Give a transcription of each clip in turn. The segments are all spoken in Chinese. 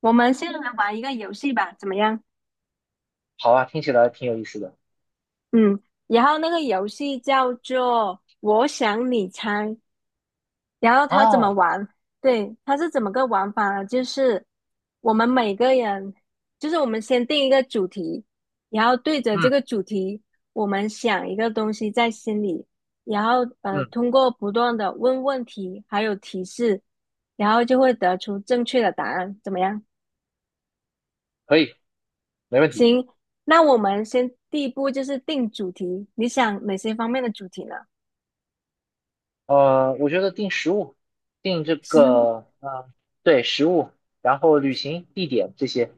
我们先来玩一个游戏吧，怎么样？好啊，听起来挺有意思的。嗯，然后那个游戏叫做"我想你猜"，然后它怎么哦，玩？对，它是怎么个玩法呢？就是我们每个人，就是我们先定一个主题，然后对着这嗯个主题，我们想一个东西在心里，然后嗯，通过不断的问问题，还有提示，然后就会得出正确的答案，怎么样？可以，没问题。行，那我们先第一步就是定主题，你想哪些方面的主题呢？我觉得定食物，定这食物个，对，食物，然后旅行地点这些，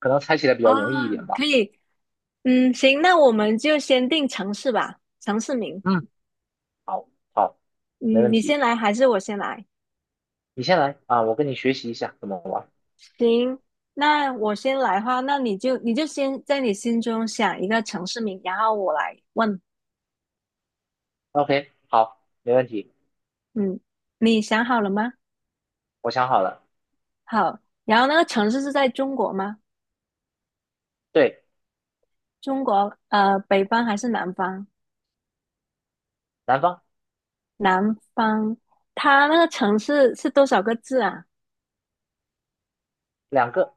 可能猜起来比啊，较容易一点吧。可以，嗯，行，那我们就先定城市吧，城市名。嗯，好，好，没嗯，问你先题。来还是我先来？你先来啊，我跟你学习一下怎么玩。行，那我先来的话，那你就先在你心中想一个城市名，然后我来问。OK，好，没问题，嗯，你想好了吗？我想好了。好，然后那个城市是在中国吗？对，中国，呃，北方还是南方？南方南方，它那个城市是多少个字啊？两个，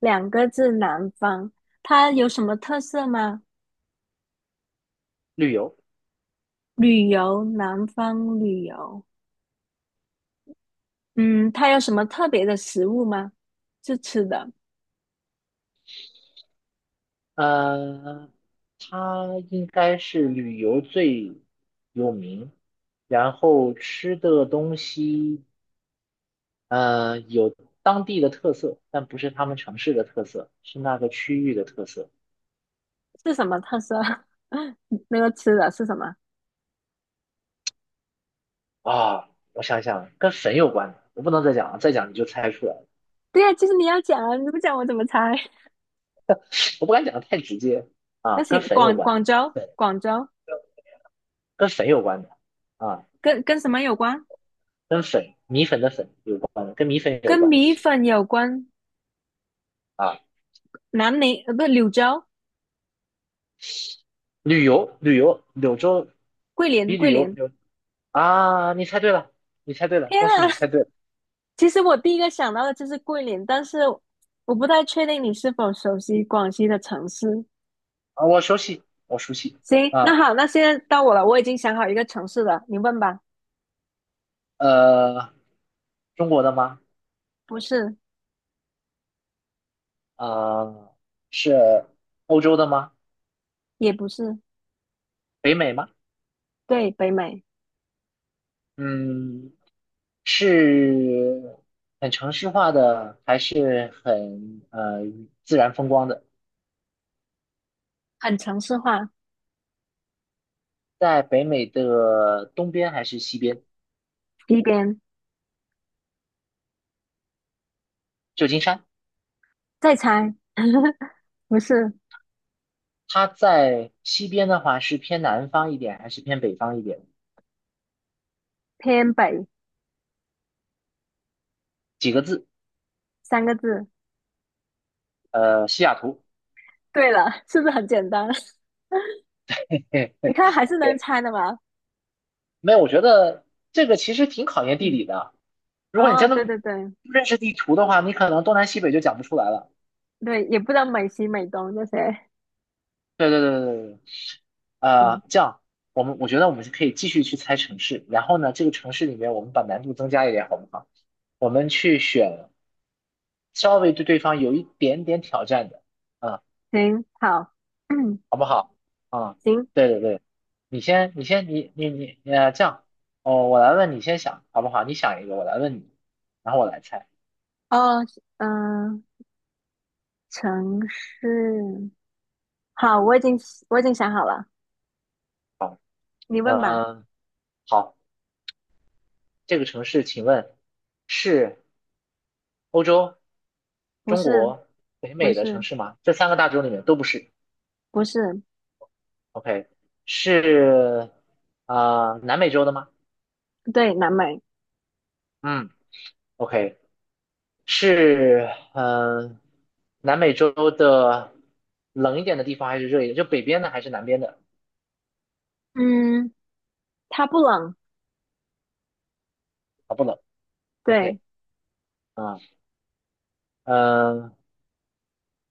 两个字，南方。它有什么特色吗？旅游。旅游，南方旅游。嗯，它有什么特别的食物吗？是吃的，呃，它应该是旅游最有名，然后吃的东西，有当地的特色，但不是他们城市的特色，是那个区域的特色。是什么特色？那个吃的是什么？啊，我想想，跟粉有关的，我不能再讲了，再讲你就猜出来了。对呀，就是你要讲啊，你不讲我怎么猜？我不敢讲的太直接， 那啊，跟行，粉有广关的，广州，粉广州跟粉有关的，啊，跟什么有关？跟粉米粉的粉有关的，跟米粉有跟关米的。粉有关。啊，南宁，不，柳州，旅游，旅游，柳州桂林，比桂旅游，林。柳，啊，你猜对了，你猜对了，天恭喜啊！你猜对了！其实我第一个想到的就是桂林，但是我不太确定你是否熟悉广西的城市。啊，我熟悉，我熟悉。行，那啊，好，那现在到我了，我已经想好一个城市了，你问吧。呃，中国的吗？不是，啊，是欧洲的吗？也不是，北美吗？对，北美，嗯，是很城市化的，还是很自然风光的？很城市化，在北美的东边还是西边？西边，旧金山，再猜，不是，它在西边的话是偏南方一点，还是偏北方一点？偏北，几个字？三个字。西雅图。对了，是不是很简单？你看还 是能 OK， 猜的嘛。没有，我觉得这个其实挺考验地嗯，理的啊。如果你哦，真对的对对不认识地图的话，你可能东南西北就讲不出来了。对，也不知道美西美东这些。对对对对对对，嗯，这样我觉得我们可以继续去猜城市，然后呢，这个城市里面我们把难度增加一点，好不好？我们去选稍微对对方有一点点挑战的，嗯，行，好，嗯，好不好？嗯，行，对对对，你先你先你你你呃，这样，哦，我来问你先想好不好？你想一个，我来问你，然后我来猜。哦，嗯、城市，好，我已经想好了，好，你问吧。嗯、好，这个城市请问是欧洲、不中是，国、北不美的城是，市吗？这三个大洲里面都不是。不是，OK，是啊、南美洲的吗？对，南美。嗯，OK，是嗯、南美洲的冷一点的地方还是热一点？就北边的还是南边的？嗯，它不冷。啊，不冷。对，OK，啊、嗯、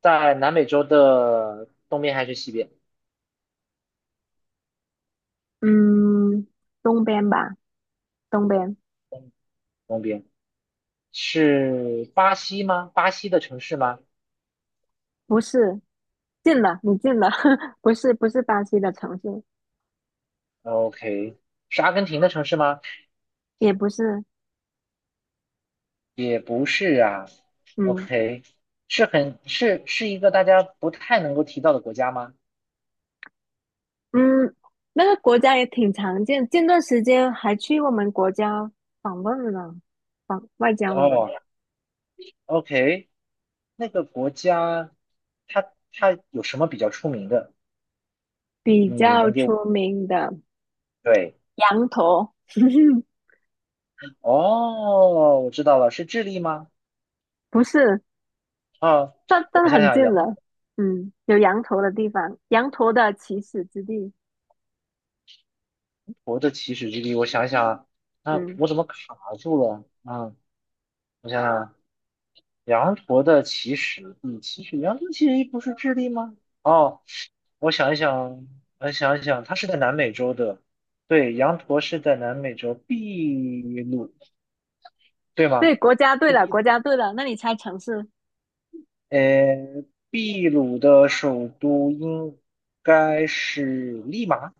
在南美洲的东边还是西边？嗯，东边吧，东边。东边是巴西吗？巴西的城市吗？不是，近了，你近了。不是，不是巴西的城市，OK，是阿根廷的城市吗？也不是。也不是啊。嗯 OK，是很是是一个大家不太能够提到的国家吗？嗯，那个国家也挺常见，近段时间还去我们国家访问了呢访外交了呢。哦，OK，那个国家它有什么比较出名的？比你较能给我出点名的对，羊驼。哦，我知道了，是智利吗？不是，啊，但我但想很想，近羊了。有羊驼的地方，羊驼的起始之地。驼的起始之地，我想想，啊，啊，嗯，我怎么卡住了？啊，我想想。羊驼的起始地，羊驼的起始地不是智利吗？哦，我想一想，我想一想，它是在南美洲的，对，羊驼是在南美洲秘鲁，对吗？对，国家队是了，秘国鲁。家队了。那你猜城市？呃，秘鲁的首都应该是利马。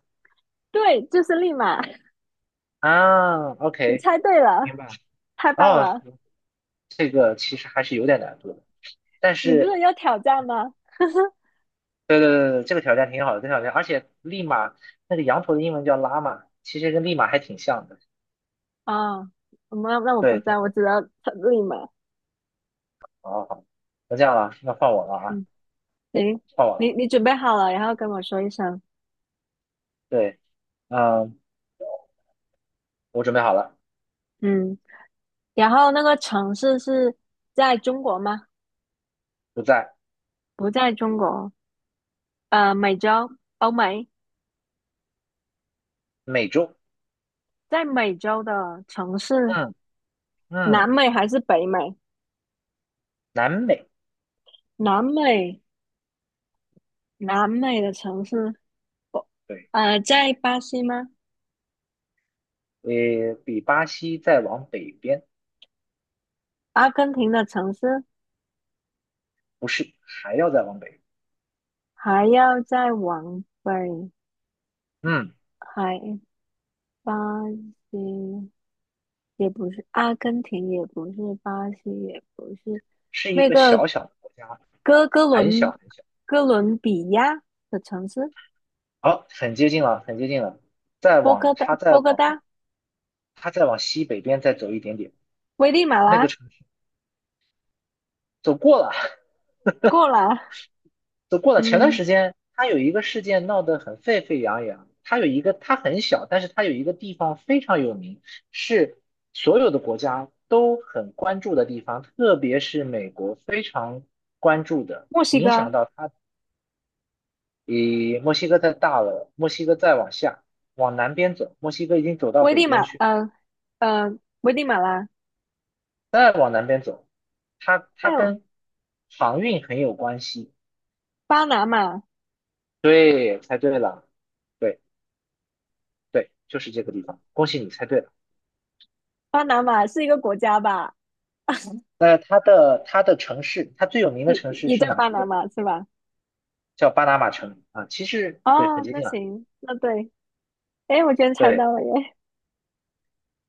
对，就是利马。啊，你 OK，猜对了，明白。太棒哦，了！这个其实还是有点难度的，但你不是是要挑战吗？对对对对，这个挑战挺好的，这个挑战，而且利马那个羊驼的英文叫拉玛，其实跟利马还挺像的。啊、我那那我不对知对道，我对，只知道猜利马。好好好，那这样了，那换我了啊，嗯，行，换我了啊。你准备好了，然后跟我说一声。对，嗯，我准备好了，嗯，然后那个城市是在中国吗？不在不在中国，呃，美洲，欧美。美洲，在美洲的城市，嗯南嗯，美还是北美？南美，南美，南美的城市，不对，呃，在巴西吗？比巴西再往北边，阿根廷的城市，不是，还要再往北，还要再往北，嗯，还巴西也不是，阿根廷也不是，巴西也不是，是一那个个小小的国家，哥哥很伦小很小，哥伦比亚的城市，好，很接近了，很接近了，再波往哥大，它再波哥往大，它再往西北边再走一点点。危地马那个拉，城市。走过了，过了，走过了。前段嗯，时间他有一个事件闹得很沸沸扬扬，他有一个他很小，但是他有一个地方非常有名，是所有的国家都很关注的地方，特别是美国非常关注的，墨西影哥。响到他比墨西哥再大了，墨西哥再往下往南边走，墨西哥已经走到危北地马，边去，嗯、危地马拉，再往南边走，它哎它呦，跟航运很有关系。巴拿马，对，猜对了，对。对，就是这个地方。恭喜你猜对了。巴拿马是一个国家吧？那它的城市，它最有名的也城市也是叫哪巴一拿个？马是吧？叫巴拿马城啊，其实对，很哦，接那近了。行，那对，哎，我居然猜对，到了耶！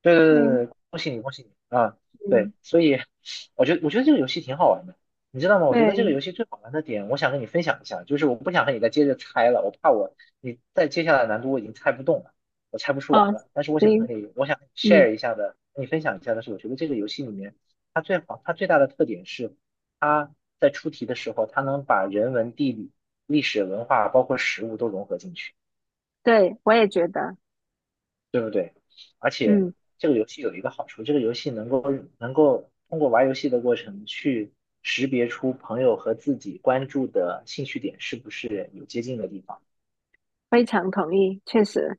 对对对嗯对对恭喜你，恭喜你啊！对，嗯，所以我觉得这个游戏挺好玩的，你知道吗？我觉得这个对，游戏最好玩的点，我想跟你分享一下，就是我不想和你再接着猜了，我怕我你再接下来的难度我已经猜不动了，我猜不出来哦，了。但是我想和行，你，我想和你 嗯，share 一下的，和你分享一下的是，我觉得这个游戏里面它最好，它最大的特点是在出题的时候，它能把人文、地理、历史文化，包括食物都融合进去，对，我也觉得，对不对？而且嗯，这个游戏有一个好处，这个游戏能够通过玩游戏的过程去识别出朋友和自己关注的兴趣点是不是有接近的地方。非常同意，确实，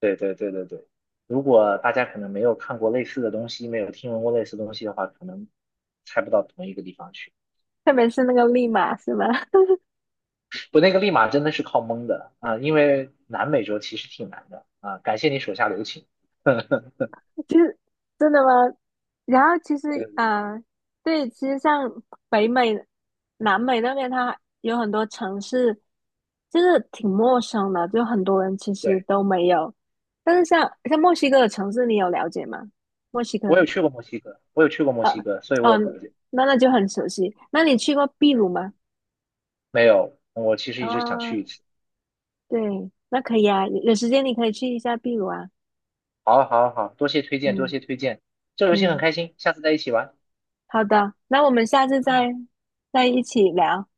对对对对对，如果大家可能没有看过类似的东西，没有听闻过类似的东西的话，可能猜不到同一个地方去。特别是那个利马是吧？我那个立马真的是靠蒙的啊，因为南美洲其实挺难的啊。感谢你手下留情。对就是真的吗？然后其实对对，啊，对，其实像北美、南美那边，它有很多城市，就是挺陌生的，就很多人其实对，都没有。但是像墨西哥的城市，你有了解吗？墨西哥，我有去过墨西哥，所以我有嗯、了解。那就很熟悉。那你去过秘鲁吗？没有，我其实一直想啊、去一次。对，那可以啊，有时间你可以去一下秘鲁啊。好啊好啊好啊，多谢推荐，多嗯谢推荐。这游戏很嗯，开心，下次再一起玩。好的，那我们下次嗯。再一起聊。